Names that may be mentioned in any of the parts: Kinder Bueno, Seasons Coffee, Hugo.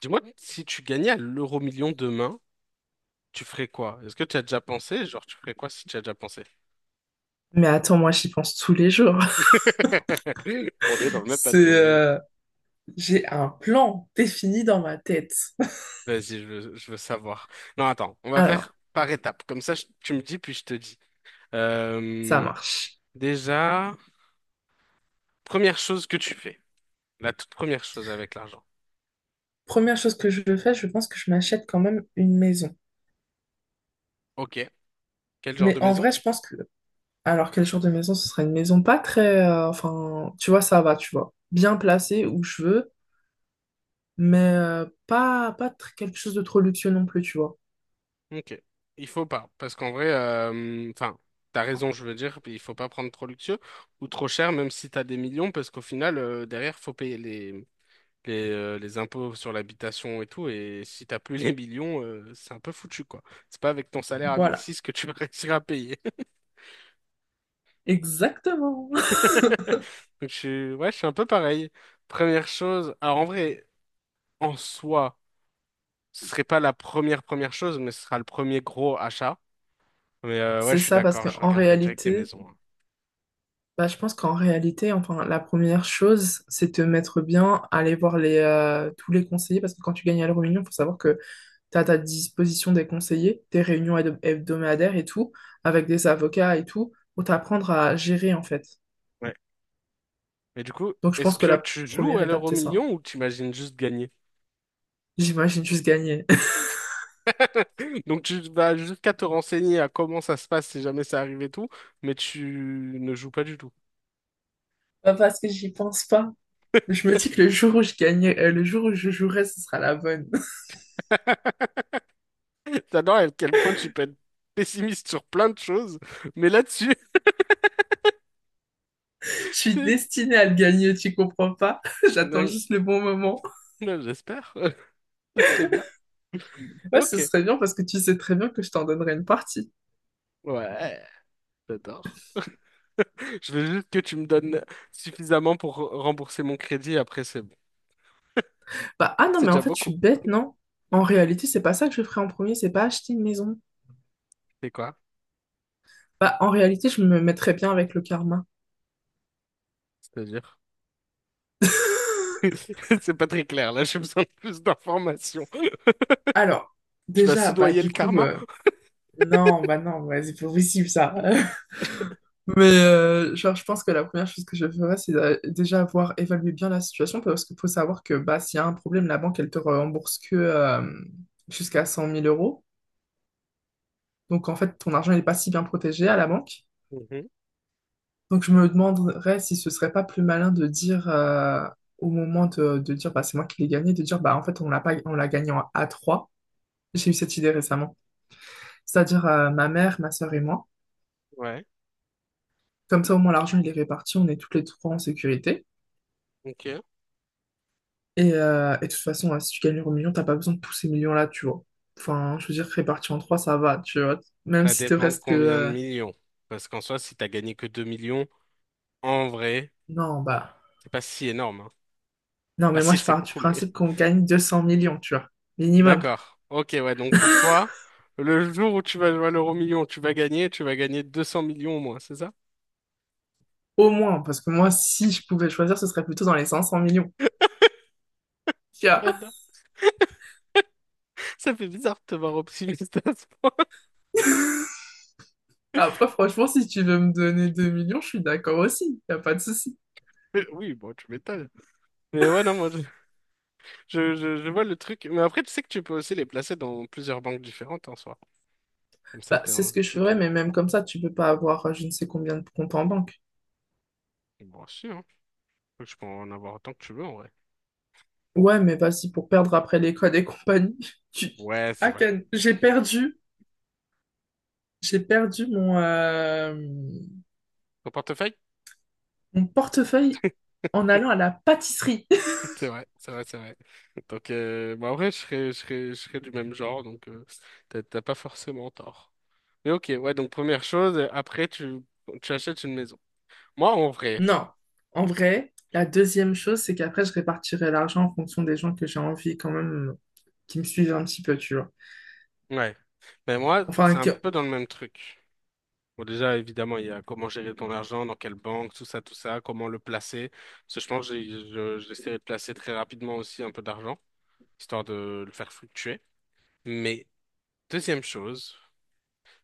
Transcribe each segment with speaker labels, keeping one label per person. Speaker 1: Dis-moi, si tu gagnais à l'euro million demain, tu ferais quoi? Est-ce que tu as déjà pensé? Genre, tu ferais quoi si tu as déjà pensé?
Speaker 2: Mais attends, moi j'y pense tous les jours.
Speaker 1: On est dans le même
Speaker 2: C'est,
Speaker 1: bateau.
Speaker 2: j'ai un plan défini dans ma tête.
Speaker 1: Vas-y, je veux savoir. Non, attends, on va
Speaker 2: Alors,
Speaker 1: faire par étapes. Comme ça, tu me dis, puis je te dis.
Speaker 2: ça
Speaker 1: Euh,
Speaker 2: marche.
Speaker 1: déjà, première chose que tu fais. La toute première chose avec l'argent.
Speaker 2: Première chose que je fais, je pense que je m'achète quand même une maison.
Speaker 1: Ok. Quel genre
Speaker 2: Mais
Speaker 1: de
Speaker 2: en
Speaker 1: maison?
Speaker 2: vrai, je pense que, alors quel genre de maison? Ce serait une maison pas très, enfin, tu vois, ça va, tu vois, bien placée où je veux, mais pas, pas tr- quelque chose de trop luxueux non plus, tu vois.
Speaker 1: Ok. Il faut pas, parce qu'en vrai, enfin, t'as raison, je veux dire, puis il faut pas prendre trop luxueux ou trop cher, même si t'as des millions, parce qu'au final, derrière, faut payer les impôts sur l'habitation et tout, et si t'as plus les millions, c'est un peu foutu, quoi. C'est pas avec ton salaire à mille
Speaker 2: Voilà,
Speaker 1: six que tu vas réussir à payer.
Speaker 2: exactement.
Speaker 1: Donc, je suis, ouais, je suis un peu pareil. Première chose, alors en vrai, en soi, ce serait pas la première première chose, mais ce sera le premier gros achat. Mais ouais,
Speaker 2: C'est
Speaker 1: je suis
Speaker 2: ça parce
Speaker 1: d'accord, je
Speaker 2: qu'en
Speaker 1: regarderai direct les
Speaker 2: réalité.
Speaker 1: maisons, hein.
Speaker 2: Bah, je pense qu'en réalité, enfin, la première chose, c'est te mettre bien, aller voir les, tous les conseillers, parce que quand tu gagnes à l'euro-million, il faut savoir que tu as à ta disposition des conseillers, des réunions hebdomadaires et tout, avec des avocats et tout, pour t'apprendre à gérer, en fait.
Speaker 1: Mais du coup,
Speaker 2: Donc, je
Speaker 1: est-ce
Speaker 2: pense que
Speaker 1: que
Speaker 2: la
Speaker 1: tu joues
Speaker 2: première
Speaker 1: à
Speaker 2: étape,
Speaker 1: l'euro
Speaker 2: c'est ça.
Speaker 1: million ou t'imagines juste gagner?
Speaker 2: J'imagine juste gagner.
Speaker 1: Donc tu vas jusqu'à te renseigner à comment ça se passe si jamais ça arrive et tout, mais tu ne joues pas du tout.
Speaker 2: Pas parce que j'y pense pas. Je me dis que le jour où je gagnais, le jour où je jouerai, ce sera la bonne.
Speaker 1: T'adores à quel point tu peux être pessimiste sur plein de choses, mais là-dessus,
Speaker 2: Je suis
Speaker 1: t'es-
Speaker 2: destinée à le gagner, tu comprends pas? J'attends
Speaker 1: non,
Speaker 2: juste le bon moment.
Speaker 1: non, j'espère. Ce serait bien.
Speaker 2: Ouais,
Speaker 1: Ok.
Speaker 2: ce serait bien parce que tu sais très bien que je t'en donnerais une partie.
Speaker 1: Ouais, j'adore. Je veux juste que tu me donnes suffisamment pour rembourser mon crédit, après c'est bon.
Speaker 2: Bah, ah non,
Speaker 1: C'est
Speaker 2: mais en
Speaker 1: déjà
Speaker 2: fait, je
Speaker 1: beaucoup.
Speaker 2: suis bête, non? En réalité, c'est pas ça que je ferais en premier, c'est pas acheter une maison.
Speaker 1: C'est quoi?
Speaker 2: Bah, en réalité, je me mettrais bien avec le karma.
Speaker 1: C'est-à-dire? C'est pas très clair, là, j'ai besoin de plus d'informations.
Speaker 2: Alors,
Speaker 1: Tu vas
Speaker 2: déjà, bah,
Speaker 1: soudoyer le karma?
Speaker 2: non, bah, non, ouais, c'est pas possible ça. Mais, genre, je pense que la première chose que je ferais, c'est déjà avoir évalué bien la situation parce qu'il faut savoir que, bah, s'il y a un problème, la banque, elle te rembourse que jusqu'à 100 000 euros. Donc, en fait, ton argent n'est pas si bien protégé à la banque.
Speaker 1: Mhm.
Speaker 2: Donc je me demanderais si ce serait pas plus malin de dire au moment de dire bah, c'est moi qui l'ai gagné, de dire bah en fait on l'a pas on l'a gagné en a trois. J'ai eu cette idée récemment. C'est-à-dire ma mère, ma sœur et moi.
Speaker 1: Ouais,
Speaker 2: Comme ça au moins l'argent il est réparti, on est toutes les trois en sécurité.
Speaker 1: ok.
Speaker 2: Et de toute façon, hein, si tu gagnes l'euro million, t'as pas besoin de tous ces millions-là, tu vois. Enfin, je veux dire, réparti en trois, ça va, tu vois. Même
Speaker 1: Ça
Speaker 2: si te
Speaker 1: dépend de
Speaker 2: reste que...
Speaker 1: combien de millions. Parce qu'en soi, si t'as gagné que 2 millions, en vrai,
Speaker 2: Non, bah...
Speaker 1: c'est pas si énorme, hein.
Speaker 2: Non,
Speaker 1: Ah
Speaker 2: mais moi,
Speaker 1: si,
Speaker 2: je
Speaker 1: c'est
Speaker 2: pars du
Speaker 1: beaucoup, mais
Speaker 2: principe qu'on gagne 200 millions, tu vois. Minimum.
Speaker 1: d'accord. Ok, ouais. Donc pour toi, le jour où tu vas jouer à l'euro million, tu vas gagner 200 millions au moins, c'est ça?
Speaker 2: Au moins, parce que moi, si je pouvais choisir, ce serait plutôt dans les 500 millions. Tu vois.
Speaker 1: J'adore. Ça fait bizarre de te voir optimiste à ce point.
Speaker 2: Après, franchement, si tu veux me donner 2 millions, je suis d'accord aussi. Y a pas de souci.
Speaker 1: Mais oui, bon, tu m'étonnes. Mais ouais, non, moi, je vois le truc. Mais après, tu sais que tu peux aussi les placer dans plusieurs banques différentes en soi. Comme ça,
Speaker 2: Bah,
Speaker 1: t'es
Speaker 2: c'est
Speaker 1: en
Speaker 2: ce que je ferais,
Speaker 1: sécurité.
Speaker 2: mais même comme ça, tu peux pas avoir je ne sais combien de comptes en banque.
Speaker 1: Bon, si, hein. Tu peux en avoir autant que tu veux, en vrai.
Speaker 2: Ouais, mais vas-y, pour perdre après l'école et compagnie. Tu...
Speaker 1: Ouais, c'est
Speaker 2: Ah,
Speaker 1: vrai.
Speaker 2: Ken, j'ai perdu mon,
Speaker 1: Ton portefeuille?
Speaker 2: mon portefeuille en allant à la pâtisserie.
Speaker 1: C'est vrai, c'est vrai, c'est vrai. Donc, bah, en vrai, je serais du même genre, donc t'as pas forcément tort. Mais ok, ouais, donc première chose, après tu achètes une maison. Moi, en vrai,
Speaker 2: Non, en vrai, la deuxième chose, c'est qu'après, je répartirai l'argent en fonction des gens que j'ai envie quand même qui me suivent un petit peu, tu vois.
Speaker 1: ouais. Mais moi,
Speaker 2: Enfin,
Speaker 1: c'est un
Speaker 2: que-
Speaker 1: peu dans le même truc. Bon, déjà, évidemment, il y a comment gérer ton argent, dans quelle banque, tout ça, comment le placer. Parce que je pense que j'essaierai de placer très rapidement aussi un peu d'argent, histoire de le faire fluctuer. Mais deuxième chose,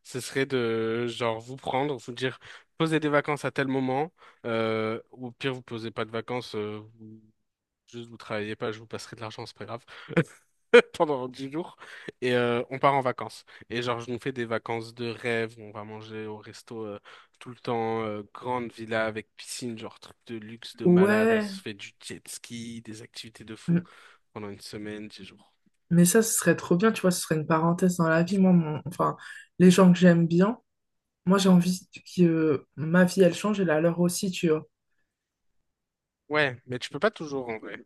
Speaker 1: ce serait de, genre, vous prendre, vous dire, posez des vacances à tel moment, ou au pire, vous posez pas de vacances, juste vous travaillez pas, je vous passerai de l'argent, c'est pas grave. Pendant 10 jours et on part en vacances. Et genre, je nous fais des vacances de rêve, on va manger au resto tout le temps, grande villa avec piscine, genre truc de luxe, de malade, on
Speaker 2: ouais,
Speaker 1: se fait du jet ski, des activités de fou
Speaker 2: m-
Speaker 1: pendant une semaine, 10 jours.
Speaker 2: mais ça, ce serait trop bien, tu vois, ce serait une parenthèse dans la vie. Enfin, les gens que j'aime bien, moi, j'ai envie que ma vie, elle change et la leur aussi, tu vois.
Speaker 1: Ouais, mais tu peux pas toujours en vrai.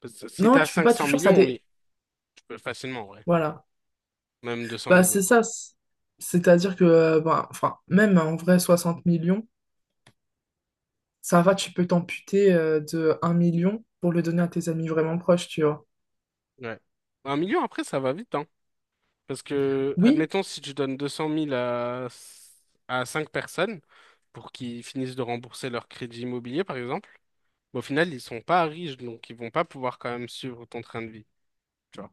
Speaker 1: Parce que si
Speaker 2: Non,
Speaker 1: t'as
Speaker 2: tu peux
Speaker 1: cinq
Speaker 2: pas
Speaker 1: cents
Speaker 2: toujours, ça
Speaker 1: millions,
Speaker 2: dé...
Speaker 1: oui, tu peux facilement en vrai.
Speaker 2: Voilà.
Speaker 1: Même 200
Speaker 2: Bah,
Speaker 1: millions.
Speaker 2: c'est ça. C'est-à-dire que, bah, enfin, même en vrai, 60 millions, ça va, tu peux t'amputer de 1 million pour le donner à tes amis vraiment proches, tu vois.
Speaker 1: Ouais. Un million après, ça va vite, hein. Parce que,
Speaker 2: Oui,
Speaker 1: admettons, si tu donnes 200 000 à 5 personnes pour qu'ils finissent de rembourser leur crédit immobilier, par exemple, bah, au final, ils sont pas riches, donc ils vont pas pouvoir quand même suivre ton train de vie. Tu vois.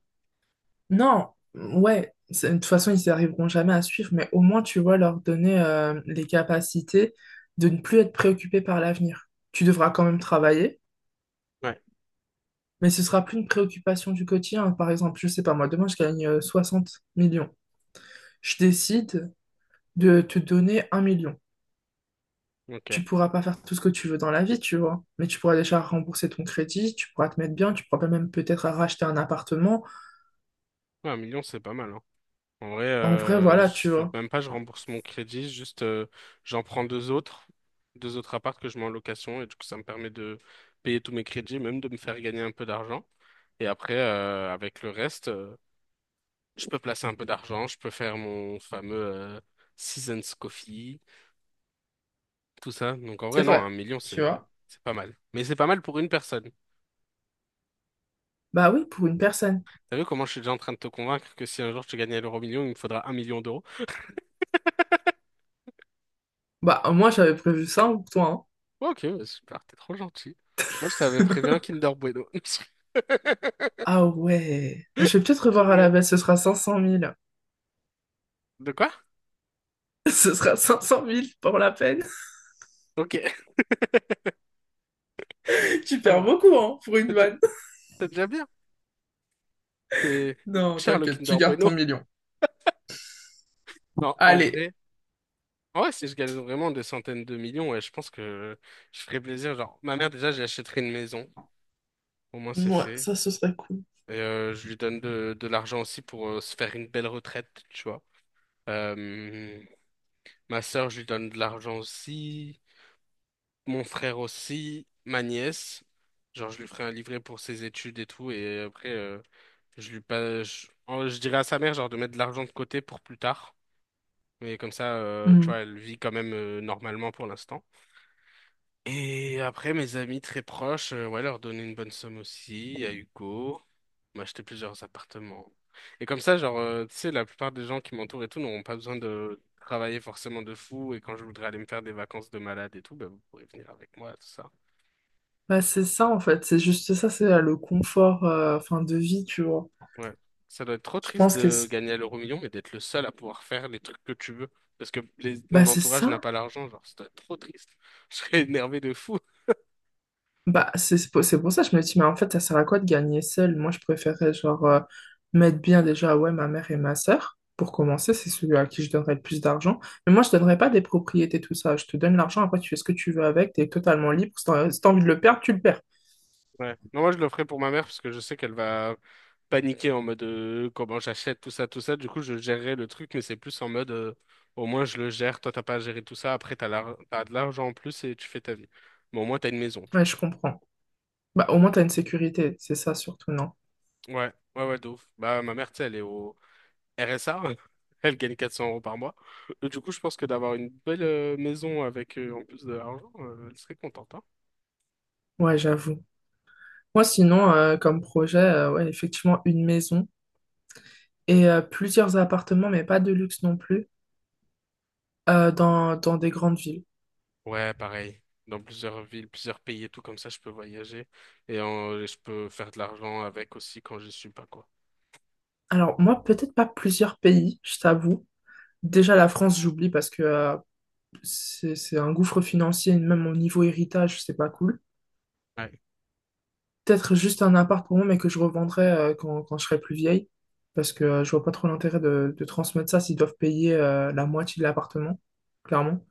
Speaker 2: non, ouais, c'est- de toute façon, ils n'y arriveront jamais à suivre, mais au moins, tu vois, leur donner les capacités de ne plus être préoccupé par l'avenir. Tu devras quand même travailler,
Speaker 1: Ouais.
Speaker 2: mais ce sera plus une préoccupation du quotidien. Par exemple, je sais pas, moi, demain, je gagne 60 millions. Je décide de te donner 1 million.
Speaker 1: Ok. Ouais,
Speaker 2: Tu pourras pas faire tout ce que tu veux dans la vie, tu vois, mais tu pourras déjà rembourser ton crédit, tu pourras te mettre bien, tu pourras même peut-être racheter un appartement.
Speaker 1: un million, c'est pas mal, hein. En vrai,
Speaker 2: En vrai,
Speaker 1: je
Speaker 2: voilà, tu
Speaker 1: fais
Speaker 2: vois.
Speaker 1: même pas, je rembourse mon crédit, juste j'en prends deux autres apparts que je mets en location, et du coup, ça me permet de payer tous mes crédits, même de me faire gagner un peu d'argent. Et après, avec le reste. Je peux placer un peu d'argent, je peux faire mon fameux Seasons Coffee, tout ça. Donc en
Speaker 2: C'est
Speaker 1: vrai, non,
Speaker 2: vrai,
Speaker 1: un million,
Speaker 2: tu
Speaker 1: c'est
Speaker 2: vois.
Speaker 1: c'est pas mal. Mais c'est pas mal pour une personne.
Speaker 2: Bah oui, pour une personne.
Speaker 1: T'as vu comment je suis déjà en train de te convaincre que si un jour tu gagnais à l'euro million, il me faudra 1 million d'euros.
Speaker 2: Bah, moi, j'avais prévu ça hein, pour toi, hein.
Speaker 1: Ouais, ok, bah, super, t'es trop gentil. Moi, je t'avais prévu un Kinder Bueno.
Speaker 2: Ah ouais. Je vais peut-être
Speaker 1: Je
Speaker 2: revoir à la
Speaker 1: rigole.
Speaker 2: baisse, ce sera 500 000.
Speaker 1: De quoi?
Speaker 2: Ce sera cinq cent mille pour la peine.
Speaker 1: Ok,
Speaker 2: Tu
Speaker 1: ça
Speaker 2: perds
Speaker 1: va.
Speaker 2: beaucoup, hein, pour une
Speaker 1: C'est déjà
Speaker 2: vanne.
Speaker 1: c'est déjà bien. Et il coûte
Speaker 2: Non,
Speaker 1: cher le
Speaker 2: t'inquiète, tu
Speaker 1: Kinder
Speaker 2: gardes
Speaker 1: Bueno.
Speaker 2: ton million.
Speaker 1: Non, en
Speaker 2: Allez.
Speaker 1: vrai. Ouais, si je gagne vraiment des centaines de millions, ouais, je pense que je ferais plaisir. Genre, ma mère, déjà, j'achèterai une maison. Au moins, c'est
Speaker 2: Moi,
Speaker 1: fait.
Speaker 2: ça, ce serait cool.
Speaker 1: Et je lui donne de l'argent aussi pour se faire une belle retraite, tu vois. Euh, ma sœur, je lui donne de l'argent aussi. Mon frère aussi. Ma nièce. Genre, je lui ferai un livret pour ses études et tout. Et après, je lui pas, je, en- je dirais à sa mère, genre, de mettre de l'argent de côté pour plus tard. Mais comme ça, tu
Speaker 2: Hmm.
Speaker 1: vois, elle vit quand même normalement pour l'instant. Et après, mes amis très proches, ouais, leur donner une bonne somme aussi, à Hugo, m'acheter plusieurs appartements. Et comme ça, genre, tu sais, la plupart des gens qui m'entourent et tout n'auront pas besoin de travailler forcément de fou. Et quand je voudrais aller me faire des vacances de malade et tout, bah, vous pourrez venir avec moi, tout ça.
Speaker 2: Bah, c'est ça, en fait. C'est juste ça, c'est le confort, enfin, de vie, tu vois.
Speaker 1: Ouais. Ça doit être trop
Speaker 2: Je
Speaker 1: triste
Speaker 2: pense que
Speaker 1: de
Speaker 2: c'est...
Speaker 1: gagner à l'euro million, mais d'être le seul à pouvoir faire les trucs que tu veux. Parce que ton
Speaker 2: Bah, c'est
Speaker 1: entourage n'a
Speaker 2: ça.
Speaker 1: pas l'argent, genre, ça doit être trop triste. Je serais énervé de fou.
Speaker 2: Bah, c'est pour ça que je me dis, mais en fait, ça sert à quoi de gagner seul? Moi, je préférais, genre, mettre bien déjà, ouais, ma mère et ma sœur. Pour commencer, c'est celui à qui je donnerais le plus d'argent. Mais moi, je donnerais pas des propriétés, tout ça. Je te donne l'argent, après, tu fais ce que tu veux avec, t'es totalement libre. Si t'as envie de le perdre, tu le perds.
Speaker 1: Ouais. Non, moi, je le ferai pour ma mère parce que je sais qu'elle va paniquer en mode comment j'achète tout ça, tout ça. Du coup, je gérerai le truc, mais c'est plus en mode au moins je le gère. Toi, t'as pas à gérer tout ça. Après, t'as de l'argent en plus et tu fais ta vie. Mais au moins, t'as une maison, tu
Speaker 2: Ouais, je comprends. Bah, au moins, t'as une sécurité, c'est ça surtout, non?
Speaker 1: vois. Ouais, ouais, ouais, de ouf. Bah, ma mère, tu sais, elle est au RSA. Elle gagne 400 euros par mois. Et du coup, je pense que d'avoir une belle maison avec en plus de l'argent, elle serait contente, hein.
Speaker 2: Ouais, j'avoue. Moi, sinon, comme projet, ouais, effectivement, une maison et plusieurs appartements, mais pas de luxe non plus, dans des grandes villes.
Speaker 1: Ouais, pareil. Dans plusieurs villes, plusieurs pays et tout, comme ça, je peux voyager et je peux faire de l'argent avec aussi quand je suis pas, quoi.
Speaker 2: Alors, moi, peut-être pas plusieurs pays, je t'avoue. Déjà, la France, j'oublie parce que c'est un gouffre financier, et même au niveau héritage, c'est pas cool.
Speaker 1: Ouais.
Speaker 2: Peut-être juste un appartement, mais que je revendrai quand je serai plus vieille, parce que je vois pas trop l'intérêt de transmettre ça s'ils doivent payer la moitié de l'appartement, clairement,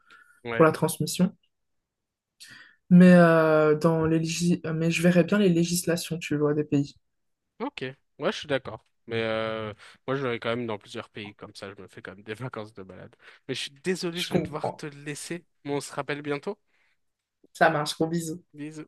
Speaker 2: pour
Speaker 1: Ouais.
Speaker 2: la transmission. Mais, mais je verrais bien les législations, tu vois, des pays.
Speaker 1: Ok. Ouais, je suis d'accord. Mais moi, je vais quand même dans plusieurs pays, comme ça, je me fais quand même des vacances de balade. Mais je suis désolé,
Speaker 2: Je
Speaker 1: je vais devoir
Speaker 2: comprends.
Speaker 1: te laisser. Mais on se rappelle bientôt.
Speaker 2: Ça marche, gros bisous.
Speaker 1: Bisous.